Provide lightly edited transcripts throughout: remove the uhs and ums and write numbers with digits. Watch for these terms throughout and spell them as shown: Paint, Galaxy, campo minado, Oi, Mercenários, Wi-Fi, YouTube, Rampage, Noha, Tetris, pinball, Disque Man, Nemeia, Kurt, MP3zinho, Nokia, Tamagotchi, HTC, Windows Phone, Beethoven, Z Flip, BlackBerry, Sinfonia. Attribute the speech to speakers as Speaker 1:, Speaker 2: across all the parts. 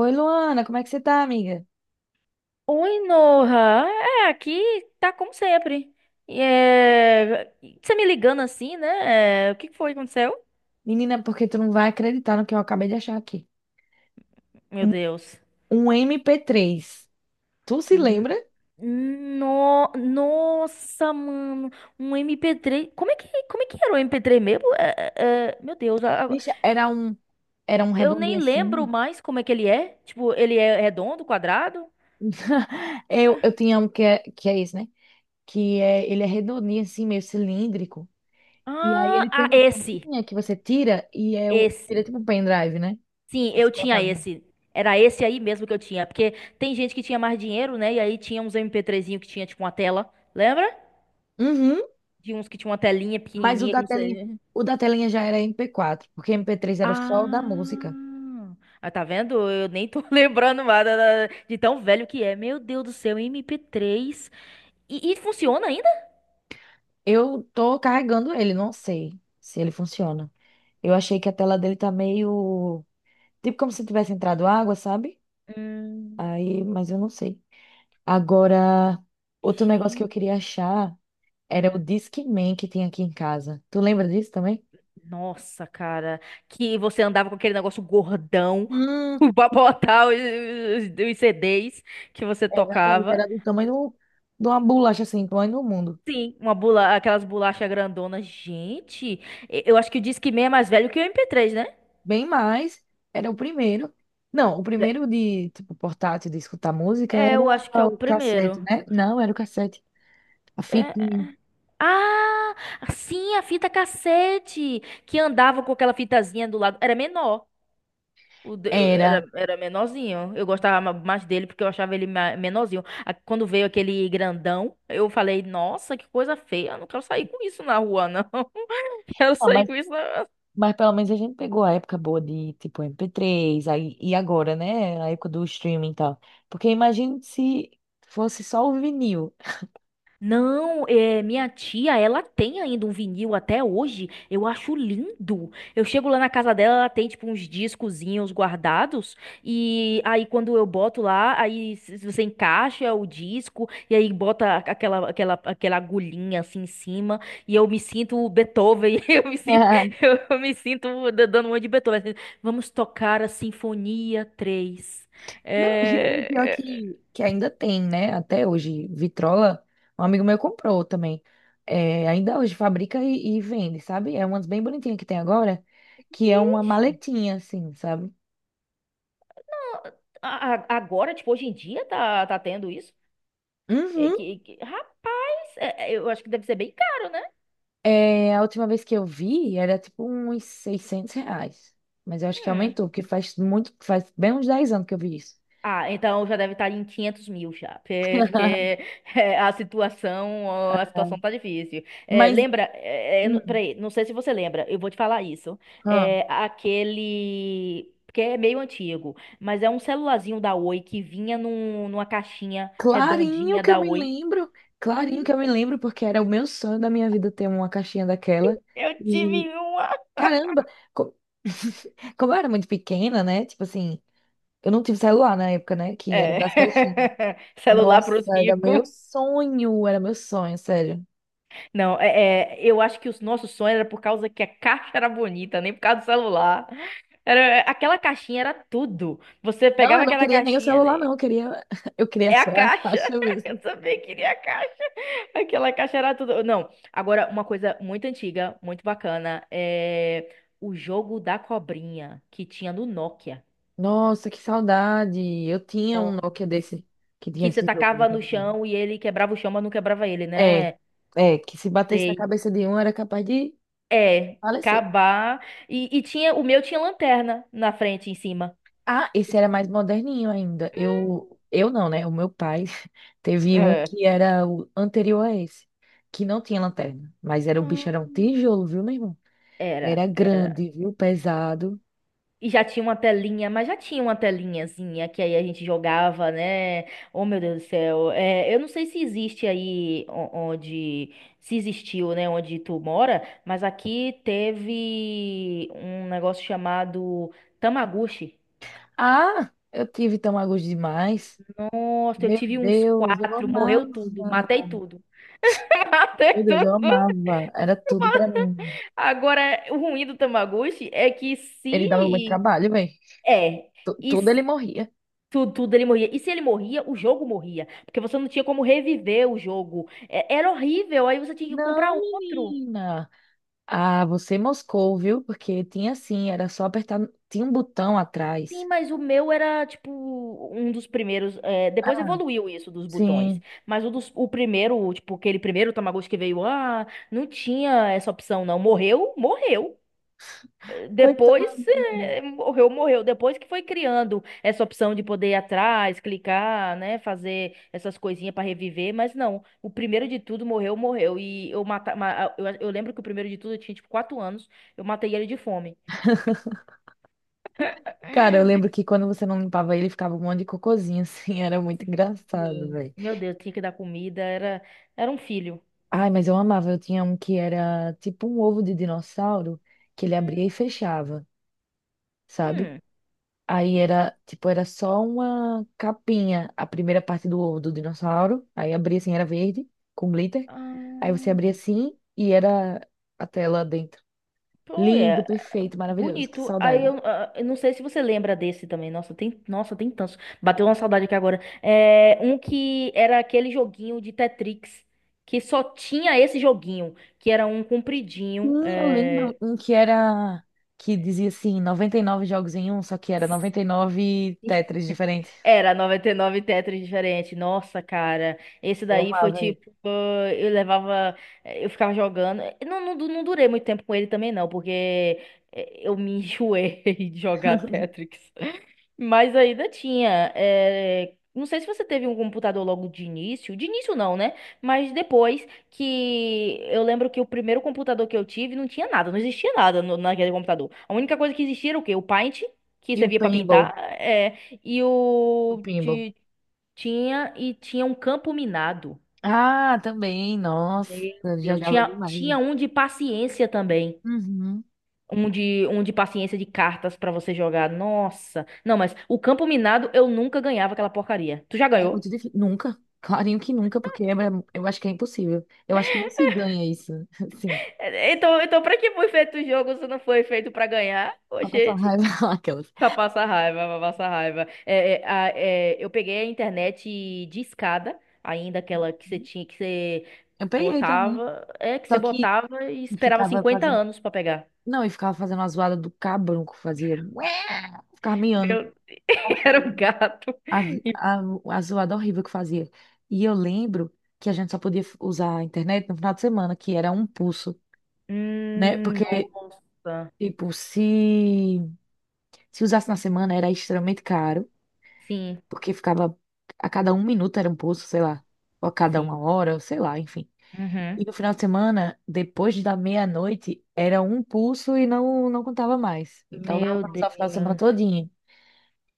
Speaker 1: Oi, Luana, como é que você tá, amiga?
Speaker 2: Oi, Noha. Aqui tá como sempre. E É... Você me ligando assim, né? O que que foi que aconteceu?
Speaker 1: Menina, porque tu não vai acreditar no que eu acabei de achar aqui.
Speaker 2: Meu
Speaker 1: Um,
Speaker 2: Deus.
Speaker 1: um MP3. Tu se
Speaker 2: Hum,
Speaker 1: lembra?
Speaker 2: No... Nossa, mano. Um MP3. Como é que era o MP3 mesmo? Meu Deus.
Speaker 1: Bicha, era um
Speaker 2: Eu
Speaker 1: redondinho
Speaker 2: nem lembro
Speaker 1: assim.
Speaker 2: mais como é que ele é. Tipo, ele é redondo, quadrado?
Speaker 1: Eu tinha um que é esse, né? Ele é redondinho assim, meio cilíndrico. E aí
Speaker 2: Ah,
Speaker 1: ele tem
Speaker 2: ah,
Speaker 1: uma
Speaker 2: esse.
Speaker 1: tampinha que você tira e ele
Speaker 2: Esse.
Speaker 1: é tipo um pendrive, né?
Speaker 2: Sim,
Speaker 1: Você
Speaker 2: eu
Speaker 1: coloca
Speaker 2: tinha
Speaker 1: a música.
Speaker 2: esse. Era esse aí mesmo que eu tinha. Porque tem gente que tinha mais dinheiro, né? E aí tinha uns MP3zinho que tinha, tipo, uma tela. Lembra?
Speaker 1: Uhum.
Speaker 2: De uns que tinha uma telinha
Speaker 1: mas o
Speaker 2: pequenininha que
Speaker 1: da
Speaker 2: não
Speaker 1: telinha,
Speaker 2: sei.
Speaker 1: o da telinha já era MP4, porque MP3 era o sol da música.
Speaker 2: Ah! Ah, tá vendo? Eu nem tô lembrando mais de tão velho que é. Meu Deus do céu, MP3. E funciona ainda?
Speaker 1: Eu tô carregando ele, não sei se ele funciona. Eu achei que a tela dele tá meio. Tipo como se tivesse entrado água, sabe?
Speaker 2: Hum,
Speaker 1: Aí, mas eu não sei. Agora, outro negócio que eu
Speaker 2: Gente.
Speaker 1: queria achar era o
Speaker 2: Hum,
Speaker 1: Discman que tem aqui em casa. Tu lembra disso também?
Speaker 2: Nossa, cara. Que você andava com aquele negócio gordão
Speaker 1: Hum.
Speaker 2: pra botar os CDs que você
Speaker 1: Exatamente,
Speaker 2: tocava.
Speaker 1: era do tamanho de uma bolacha assim, do tamanho do mundo.
Speaker 2: Sim, aquelas bolachas grandonas. Gente, eu acho que o Disque Man é mais velho que o MP3, né?
Speaker 1: Bem mais, era o primeiro. Não, o
Speaker 2: É,
Speaker 1: primeiro de, tipo, portátil de escutar música era
Speaker 2: é, eu acho que é o
Speaker 1: o cassete,
Speaker 2: primeiro.
Speaker 1: né? Não, era o cassete. A fitinha.
Speaker 2: É- Ah, sim, a fita cassete, que andava com aquela fitazinha do lado. Era menor. O de-
Speaker 1: Era.
Speaker 2: era menorzinho. Eu gostava mais dele porque eu achava ele menorzinho. Quando veio aquele grandão, eu falei, nossa, que coisa feia. Eu não quero sair com isso na rua, não. Quero
Speaker 1: Ah,
Speaker 2: sair
Speaker 1: mas,
Speaker 2: com isso, não.
Speaker 1: mas pelo menos a gente pegou a época boa de, tipo, MP3, aí, e agora, né? A época do streaming e tal. Porque imagina se fosse só o vinil.
Speaker 2: Não, minha tia, ela tem ainda um vinil até hoje. Eu acho lindo. Eu chego lá na casa dela, ela tem tipo uns discozinhos guardados. E aí quando eu boto lá, aí se você encaixa o disco e aí bota aquela agulhinha assim em cima e eu me sinto o Beethoven. Eu me sinto,
Speaker 1: Ah.
Speaker 2: eu me sinto dando uma de Beethoven, assim. Vamos tocar a Sinfonia três.
Speaker 1: Não, e pior
Speaker 2: É...
Speaker 1: que ainda tem, né? Até hoje, vitrola, um amigo meu comprou também. É, ainda hoje fabrica e vende, sabe? É umas bem bonitinhas que tem agora, que é uma maletinha, assim, sabe?
Speaker 2: Agora, tipo, hoje em dia tá tendo isso? É
Speaker 1: Uhum.
Speaker 2: rapaz, eu acho que deve ser bem caro, né?
Speaker 1: É, a última vez que eu vi era tipo uns R$ 600. Mas eu acho que
Speaker 2: Hum.
Speaker 1: aumentou, porque faz muito, faz bem uns 10 anos que eu vi isso.
Speaker 2: Ah, então já deve estar em 500 mil já, porque, é, a situação, ó, a situação tá difícil.
Speaker 1: Mas,
Speaker 2: Lembra,
Speaker 1: hum,
Speaker 2: peraí, não sei se você lembra, eu vou te falar isso.
Speaker 1: ah,
Speaker 2: É, aquele, que é meio antigo, mas é um celularzinho da Oi que vinha numa caixinha
Speaker 1: clarinho
Speaker 2: redondinha
Speaker 1: que eu
Speaker 2: da
Speaker 1: me
Speaker 2: Oi.
Speaker 1: lembro,
Speaker 2: Hum,
Speaker 1: clarinho que eu me lembro, porque era o meu sonho da minha vida ter uma caixinha daquela.
Speaker 2: eu
Speaker 1: E,
Speaker 2: tive um.
Speaker 1: caramba, co- como eu era muito pequena, né? Tipo assim, eu não tive celular na época, né? Que era
Speaker 2: É.
Speaker 1: das caixinhas.
Speaker 2: Celular para os
Speaker 1: Nossa,
Speaker 2: ricos.
Speaker 1: era meu sonho, sério.
Speaker 2: Não, eu acho que os nossos sonhos era por causa que a caixa era bonita, nem por causa do celular. Era, aquela caixinha era tudo. Você
Speaker 1: Não,
Speaker 2: pegava
Speaker 1: eu não
Speaker 2: aquela
Speaker 1: queria nem o
Speaker 2: caixinha,
Speaker 1: celular,
Speaker 2: né?
Speaker 1: não. Eu queria, eu queria
Speaker 2: É a
Speaker 1: só a
Speaker 2: caixa.
Speaker 1: caixa
Speaker 2: Eu
Speaker 1: mesmo.
Speaker 2: também queria a caixa. Aquela caixa era tudo. Não, agora uma coisa muito antiga, muito bacana, é o jogo da cobrinha que tinha no Nokia.
Speaker 1: Nossa, que saudade! Eu tinha um
Speaker 2: Ó.
Speaker 1: Nokia desse que tinha
Speaker 2: Que você
Speaker 1: esse jogo
Speaker 2: tacava no
Speaker 1: também.
Speaker 2: chão e ele quebrava o chão, mas não quebrava ele,
Speaker 1: É,
Speaker 2: né?
Speaker 1: que se batesse na
Speaker 2: Sei.
Speaker 1: cabeça de um era capaz de
Speaker 2: É,
Speaker 1: falecer.
Speaker 2: acabar. E tinha, o meu tinha lanterna na frente, em cima.
Speaker 1: Ah, esse era mais moderninho ainda. Eu não, né? O meu pai teve um
Speaker 2: É.
Speaker 1: que era o anterior a esse, que não tinha lanterna, mas era o bicho
Speaker 2: Ah.
Speaker 1: era um tijolo, viu, meu irmão? Era
Speaker 2: Era, era.
Speaker 1: grande, viu? Pesado.
Speaker 2: E já tinha uma telinha, mas já tinha uma telinhazinha que aí a gente jogava, né? Oh, meu Deus do céu. Eu não sei se existe aí onde. Se existiu, né? Onde tu mora, mas aqui teve um negócio chamado Tamaguchi.
Speaker 1: Ah, eu tive tão agos demais.
Speaker 2: Nossa, eu
Speaker 1: Meu
Speaker 2: tive uns
Speaker 1: Deus, eu
Speaker 2: quatro, morreu
Speaker 1: amava.
Speaker 2: tudo, matei tudo. Matei
Speaker 1: Meu Deus, eu
Speaker 2: tudo.
Speaker 1: amava. Era tudo pra mim.
Speaker 2: Agora, o ruim do Tamagotchi é que
Speaker 1: Ele dava muito
Speaker 2: se.
Speaker 1: trabalho, velho.
Speaker 2: É. E
Speaker 1: Tudo
Speaker 2: se-
Speaker 1: ele morria.
Speaker 2: tudo, tudo ele morria. E se ele morria, o jogo morria. Porque você não tinha como reviver o jogo. Era horrível. Aí você tinha que comprar
Speaker 1: Não,
Speaker 2: outro.
Speaker 1: menina. Ah, você moscou, viu? Porque tinha assim, era só apertar. Tinha um botão
Speaker 2: Sim,
Speaker 1: atrás.
Speaker 2: mas o meu era, tipo, um dos primeiros. Depois
Speaker 1: Ah,
Speaker 2: evoluiu isso dos botões.
Speaker 1: sim.
Speaker 2: Mas o primeiro, tipo, aquele primeiro Tamagotchi que veio, não tinha essa opção, não. Morreu? Morreu.
Speaker 1: Coitado,
Speaker 2: Depois,
Speaker 1: né?
Speaker 2: morreu, morreu. Depois que foi criando essa opção de poder ir atrás, clicar, né, fazer essas coisinhas para reviver, mas não. O primeiro de tudo morreu, morreu. E eu eu lembro que o primeiro de tudo eu tinha tipo 4 anos, eu matei ele de fome.
Speaker 1: Cara, eu lembro que quando você não limpava ele, ficava um monte de cocôzinho, assim. Era muito engraçado,
Speaker 2: Sim.
Speaker 1: velho.
Speaker 2: Meu Deus, tinha que dar comida, era, era um filho.
Speaker 1: Ai, mas eu amava. Eu tinha um que era tipo um ovo de dinossauro que ele abria e
Speaker 2: Hum.
Speaker 1: fechava, sabe?
Speaker 2: Hum.
Speaker 1: Aí era, tipo, era só uma capinha, a primeira parte do dinossauro. Aí abria assim, era verde, com glitter. Aí você abria
Speaker 2: Ah,
Speaker 1: assim e era a tela dentro.
Speaker 2: pô,
Speaker 1: Lindo,
Speaker 2: é.
Speaker 1: perfeito, maravilhoso, que
Speaker 2: Bonito. Aí
Speaker 1: saudade.
Speaker 2: eu não sei se você lembra desse também. Nossa, tem tantos. Bateu uma saudade aqui agora. Um que era aquele joguinho de Tetrix, que só tinha esse joguinho, que era um compridinho.
Speaker 1: Sim, eu lembro um que era, que dizia assim, 99 jogos em um, só que era 99 Tetris diferentes.
Speaker 2: Era 99 Tetris diferente. Nossa, cara. Esse
Speaker 1: Eu
Speaker 2: daí foi
Speaker 1: amava isso.
Speaker 2: tipo. Eu levava. Eu ficava jogando. Eu Não, não, não durei muito tempo com ele também, não, porque eu me enjoei de jogar Tetris. Mas ainda tinha. Não sei se você teve um computador logo de início. De início não, né? Mas depois que eu lembro que o primeiro computador que eu tive não tinha nada, não existia nada naquele computador. A única coisa que existia era o quê? O Paint, que
Speaker 1: E o
Speaker 2: servia pra
Speaker 1: pinball,
Speaker 2: pintar, E
Speaker 1: o
Speaker 2: o
Speaker 1: pinball.
Speaker 2: ti- tinha e tinha um campo minado.
Speaker 1: Ah, também, nossa,
Speaker 2: Meu Deus,
Speaker 1: jogava
Speaker 2: tinha,
Speaker 1: demais, né?
Speaker 2: tinha um de paciência também.
Speaker 1: Uhum.
Speaker 2: Um de paciência de cartas pra você jogar. Nossa. Não, mas o campo minado eu nunca ganhava aquela porcaria. Tu já
Speaker 1: Era
Speaker 2: ganhou?
Speaker 1: muito difícil. Nunca. Clarinho que nunca, porque eu acho que é impossível. Eu acho que não se ganha isso. Sim.
Speaker 2: Então pra que foi feito o jogo se não foi feito pra ganhar? Ô,
Speaker 1: Pra passar
Speaker 2: gente.
Speaker 1: raiva aquelas.
Speaker 2: Pra passar raiva, pra passar raiva. É, é, eu peguei a internet de escada, ainda aquela que você tinha que você
Speaker 1: Eu peguei também.
Speaker 2: botava. Que você
Speaker 1: Só que
Speaker 2: botava e esperava
Speaker 1: ficava
Speaker 2: cinquenta
Speaker 1: fazendo.
Speaker 2: anos pra pegar.
Speaker 1: Não, e ficava fazendo a zoada do cabrunco, fazia. ué, ficava miando.
Speaker 2: Meu, era um
Speaker 1: Horrível.
Speaker 2: gato.
Speaker 1: A,
Speaker 2: E-
Speaker 1: a, a zoada horrível que fazia. E eu lembro que a gente só podia usar a internet no final de semana, que era um pulso, né? Porque,
Speaker 2: Nossa.
Speaker 1: tipo, se usasse na semana era extremamente caro,
Speaker 2: Sim,
Speaker 1: porque ficava a cada um minuto era um pulso, sei lá, ou a cada uma
Speaker 2: sim.
Speaker 1: hora, sei lá, enfim.
Speaker 2: Uhum.
Speaker 1: E no final de semana, depois da meia-noite, era um pulso e não contava mais. Então dava
Speaker 2: Meu
Speaker 1: pra
Speaker 2: Deus.
Speaker 1: usar o final de semana todinho.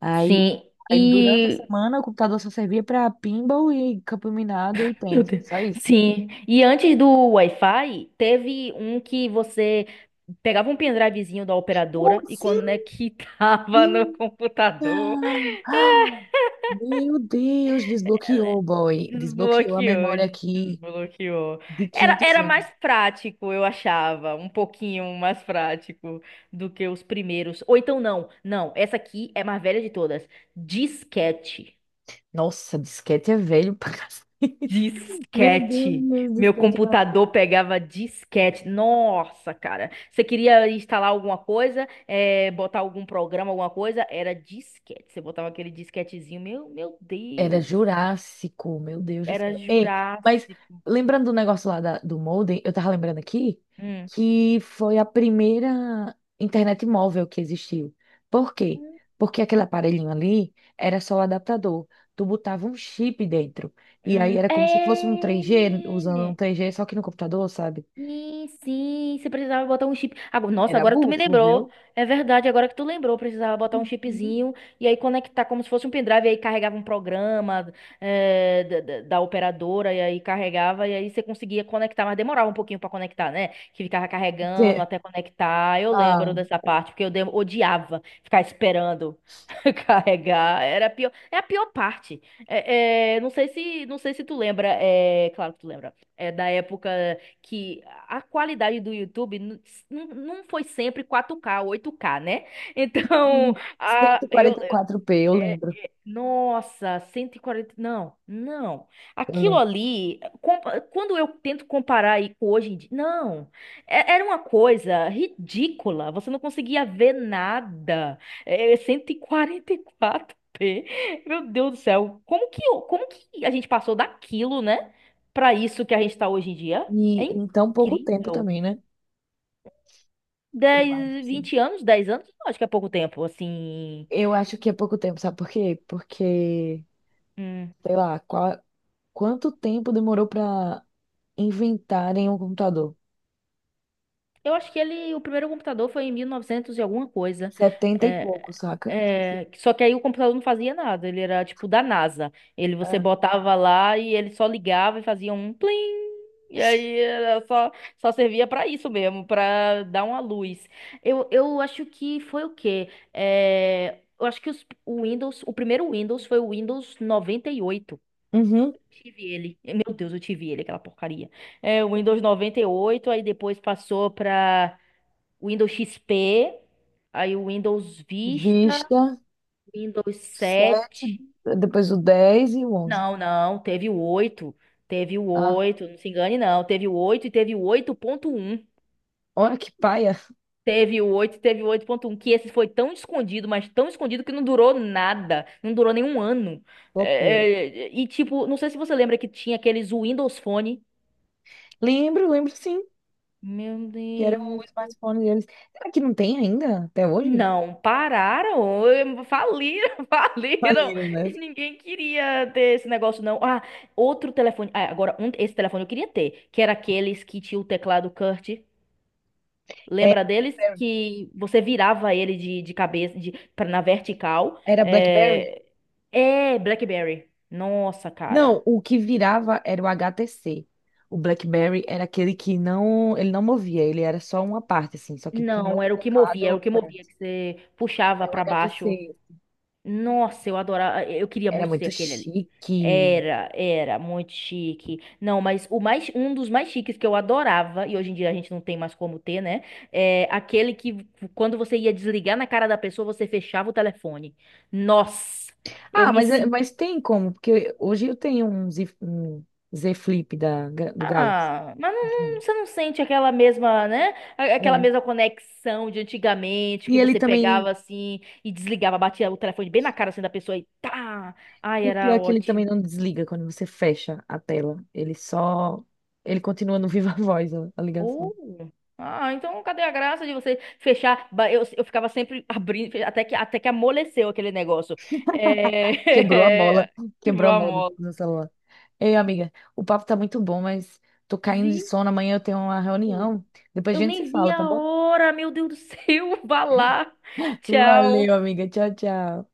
Speaker 1: Aí,
Speaker 2: Sim.
Speaker 1: aí durante a
Speaker 2: E.
Speaker 1: semana o computador só servia pra pinball e campo minado e
Speaker 2: Meu
Speaker 1: pente,
Speaker 2: Deus.
Speaker 1: só isso.
Speaker 2: Sim. E antes do Wi-Fi, teve um que você pegava um pendrivezinho da
Speaker 1: Oh,
Speaker 2: operadora e
Speaker 1: sim,
Speaker 2: conectava no computador.
Speaker 1: menina! Ah, meu Deus, desbloqueou, boy. Desbloqueou a memória
Speaker 2: Desbloqueou,
Speaker 1: aqui
Speaker 2: desbloqueou.
Speaker 1: de
Speaker 2: Era,
Speaker 1: 500
Speaker 2: era
Speaker 1: anos.
Speaker 2: mais prático, eu achava. Um pouquinho mais prático do que os primeiros. Ou então, não. Não, essa aqui é a mais velha de todas. Disquete.
Speaker 1: Nossa, disquete é velho pra cacete. Meu
Speaker 2: Disquete.
Speaker 1: Deus do
Speaker 2: Meu
Speaker 1: céu, tinha-
Speaker 2: computador pegava disquete. Nossa, cara. Você queria instalar alguma coisa, botar algum programa, alguma coisa? Era disquete. Você botava aquele disquetezinho. Meu
Speaker 1: era
Speaker 2: Deus.
Speaker 1: Jurássico, meu Deus do
Speaker 2: Era
Speaker 1: céu. Ei, mas
Speaker 2: Jurássico.
Speaker 1: lembrando do negócio lá do modem, eu tava lembrando aqui
Speaker 2: Hum.
Speaker 1: que foi a primeira internet móvel que existiu. Por quê?
Speaker 2: Hum,
Speaker 1: Porque aquele aparelhinho ali era só o adaptador. Tu botava um chip dentro. E aí era como se fosse
Speaker 2: hum.
Speaker 1: um 3G, usando um
Speaker 2: é.
Speaker 1: 3G só que no computador, sabe?
Speaker 2: Sim, sim, você precisava botar um chip. Agora, nossa,
Speaker 1: Era
Speaker 2: agora tu me
Speaker 1: bufo, viu?
Speaker 2: lembrou. É verdade, agora que tu lembrou, precisava botar um
Speaker 1: Uhum.
Speaker 2: chipzinho e aí conectar como se fosse um pendrive, e aí carregava um programa da operadora, e aí carregava, e aí você conseguia conectar, mas demorava um pouquinho pra conectar, né? Que ficava carregando até conectar. Eu
Speaker 1: Ah,
Speaker 2: lembro dessa parte, porque eu odiava ficar esperando carregar. Era a pior, é a pior parte. É, é, não sei se tu lembra, claro que tu lembra. É da época que a qualidade do YouTube não foi sempre 4K, 8K, né? Então,
Speaker 1: 144p, eu lembro
Speaker 2: nossa, 140, não, não.
Speaker 1: eu
Speaker 2: Aquilo
Speaker 1: lembro.
Speaker 2: ali, quando eu tento comparar aí com hoje em dia, não, era uma coisa ridícula, você não conseguia ver nada. É 144p. Meu Deus do céu, como que a gente passou daquilo, né, pra isso que a gente tá hoje em dia?
Speaker 1: E
Speaker 2: É
Speaker 1: em tão pouco tempo
Speaker 2: incrível.
Speaker 1: também, né? Eu acho,
Speaker 2: 10,
Speaker 1: assim.
Speaker 2: 20 anos, 10 anos, não acho que é pouco tempo, assim.
Speaker 1: Eu acho que é pouco tempo, sabe por quê? Porque,
Speaker 2: Hum.
Speaker 1: sei lá, qual, quanto tempo demorou pra inventarem um computador?
Speaker 2: Eu acho que ele, o primeiro computador foi em 1900 e novecentos e alguma coisa.
Speaker 1: Setenta e pouco,
Speaker 2: É,
Speaker 1: saca?
Speaker 2: é, só que aí o computador não fazia nada, ele era tipo da NASA. Ele você
Speaker 1: Ah.
Speaker 2: botava lá e ele só ligava e fazia um plim. E aí era só servia pra isso mesmo, pra dar uma luz. Eu acho que foi o quê? Eu acho que o primeiro Windows foi o Windows 98.
Speaker 1: Uhum.
Speaker 2: Tive ele. Meu Deus, eu tive ele, aquela porcaria. O Windows 98 aí depois passou pra Windows XP, aí o Windows Vista,
Speaker 1: Vista,
Speaker 2: Windows
Speaker 1: sete,
Speaker 2: 7.
Speaker 1: depois o 10 e o 11.
Speaker 2: Não, não, teve o 8. Teve o
Speaker 1: Ah,
Speaker 2: oito, não se engane, não. Teve o 8 e teve o 8.1.
Speaker 1: olha que paia.
Speaker 2: Teve o oito e teve o oito ponto um que esse foi tão escondido, mas tão escondido que não durou nada. Não durou nenhum ano.
Speaker 1: Flopou.
Speaker 2: É, é, e tipo, não sei se você lembra que tinha aqueles Windows Phone.
Speaker 1: Lembro, lembro sim,
Speaker 2: Meu
Speaker 1: que era o
Speaker 2: Deus.
Speaker 1: smartphone deles. Será que não tem ainda, até hoje?
Speaker 2: Não, pararam, faliram, faliram,
Speaker 1: Faliram, né?
Speaker 2: e ninguém queria ter esse negócio, não. Ah, outro telefone, esse telefone eu queria ter, que era aqueles que tinha o teclado Kurt,
Speaker 1: É,
Speaker 2: lembra deles? Que você virava ele de cabeça, na vertical,
Speaker 1: era BlackBerry?
Speaker 2: é, BlackBerry, nossa,
Speaker 1: Não,
Speaker 2: cara,
Speaker 1: o que virava era o HTC. O BlackBerry era aquele que não, ele não movia, ele era só uma parte, assim, só que tinha o
Speaker 2: não, era o que movia, era o
Speaker 1: teclado.
Speaker 2: que
Speaker 1: É,
Speaker 2: movia, que você puxava
Speaker 1: é o
Speaker 2: pra baixo.
Speaker 1: HTC.
Speaker 2: Nossa, eu adorava. Eu queria
Speaker 1: Era
Speaker 2: muito ser
Speaker 1: muito
Speaker 2: aquele ali.
Speaker 1: chique.
Speaker 2: Era muito chique. Não, mas um dos mais chiques que eu adorava, e hoje em dia a gente não tem mais como ter, né? É aquele que quando você ia desligar na cara da pessoa, você fechava o telefone. Nossa, eu me senti.
Speaker 1: Mas tem como, porque hoje eu tenho um Z Flip da, Ga- do Galaxy.
Speaker 2: Ah, mas não,
Speaker 1: Uhum.
Speaker 2: você não sente aquela mesma, né? Aquela
Speaker 1: É.
Speaker 2: mesma conexão de antigamente,
Speaker 1: E
Speaker 2: que
Speaker 1: ele
Speaker 2: você pegava
Speaker 1: também,
Speaker 2: assim e desligava, batia o telefone bem na cara assim da pessoa e tá. Ai,
Speaker 1: e o pior
Speaker 2: era
Speaker 1: é que ele também
Speaker 2: ótimo.
Speaker 1: não desliga quando você fecha a tela. Ele só, ele continua no viva voz a ligação.
Speaker 2: Oh. Ah, então cadê a graça de você fechar? Eu ficava sempre abrindo, até que amoleceu aquele negócio.
Speaker 1: Quebrou a mola,
Speaker 2: É...
Speaker 1: quebrou
Speaker 2: Quebrou
Speaker 1: a
Speaker 2: a
Speaker 1: mola
Speaker 2: mola.
Speaker 1: do celular. Ei, amiga, o papo tá muito bom, mas tô caindo de
Speaker 2: Vi.
Speaker 1: sono. Amanhã eu tenho uma reunião. Depois a
Speaker 2: Eu
Speaker 1: gente se
Speaker 2: nem vi
Speaker 1: fala, tá
Speaker 2: a
Speaker 1: bom?
Speaker 2: hora, meu Deus do céu. Vá lá. Tchau.
Speaker 1: Valeu, amiga. Tchau, tchau.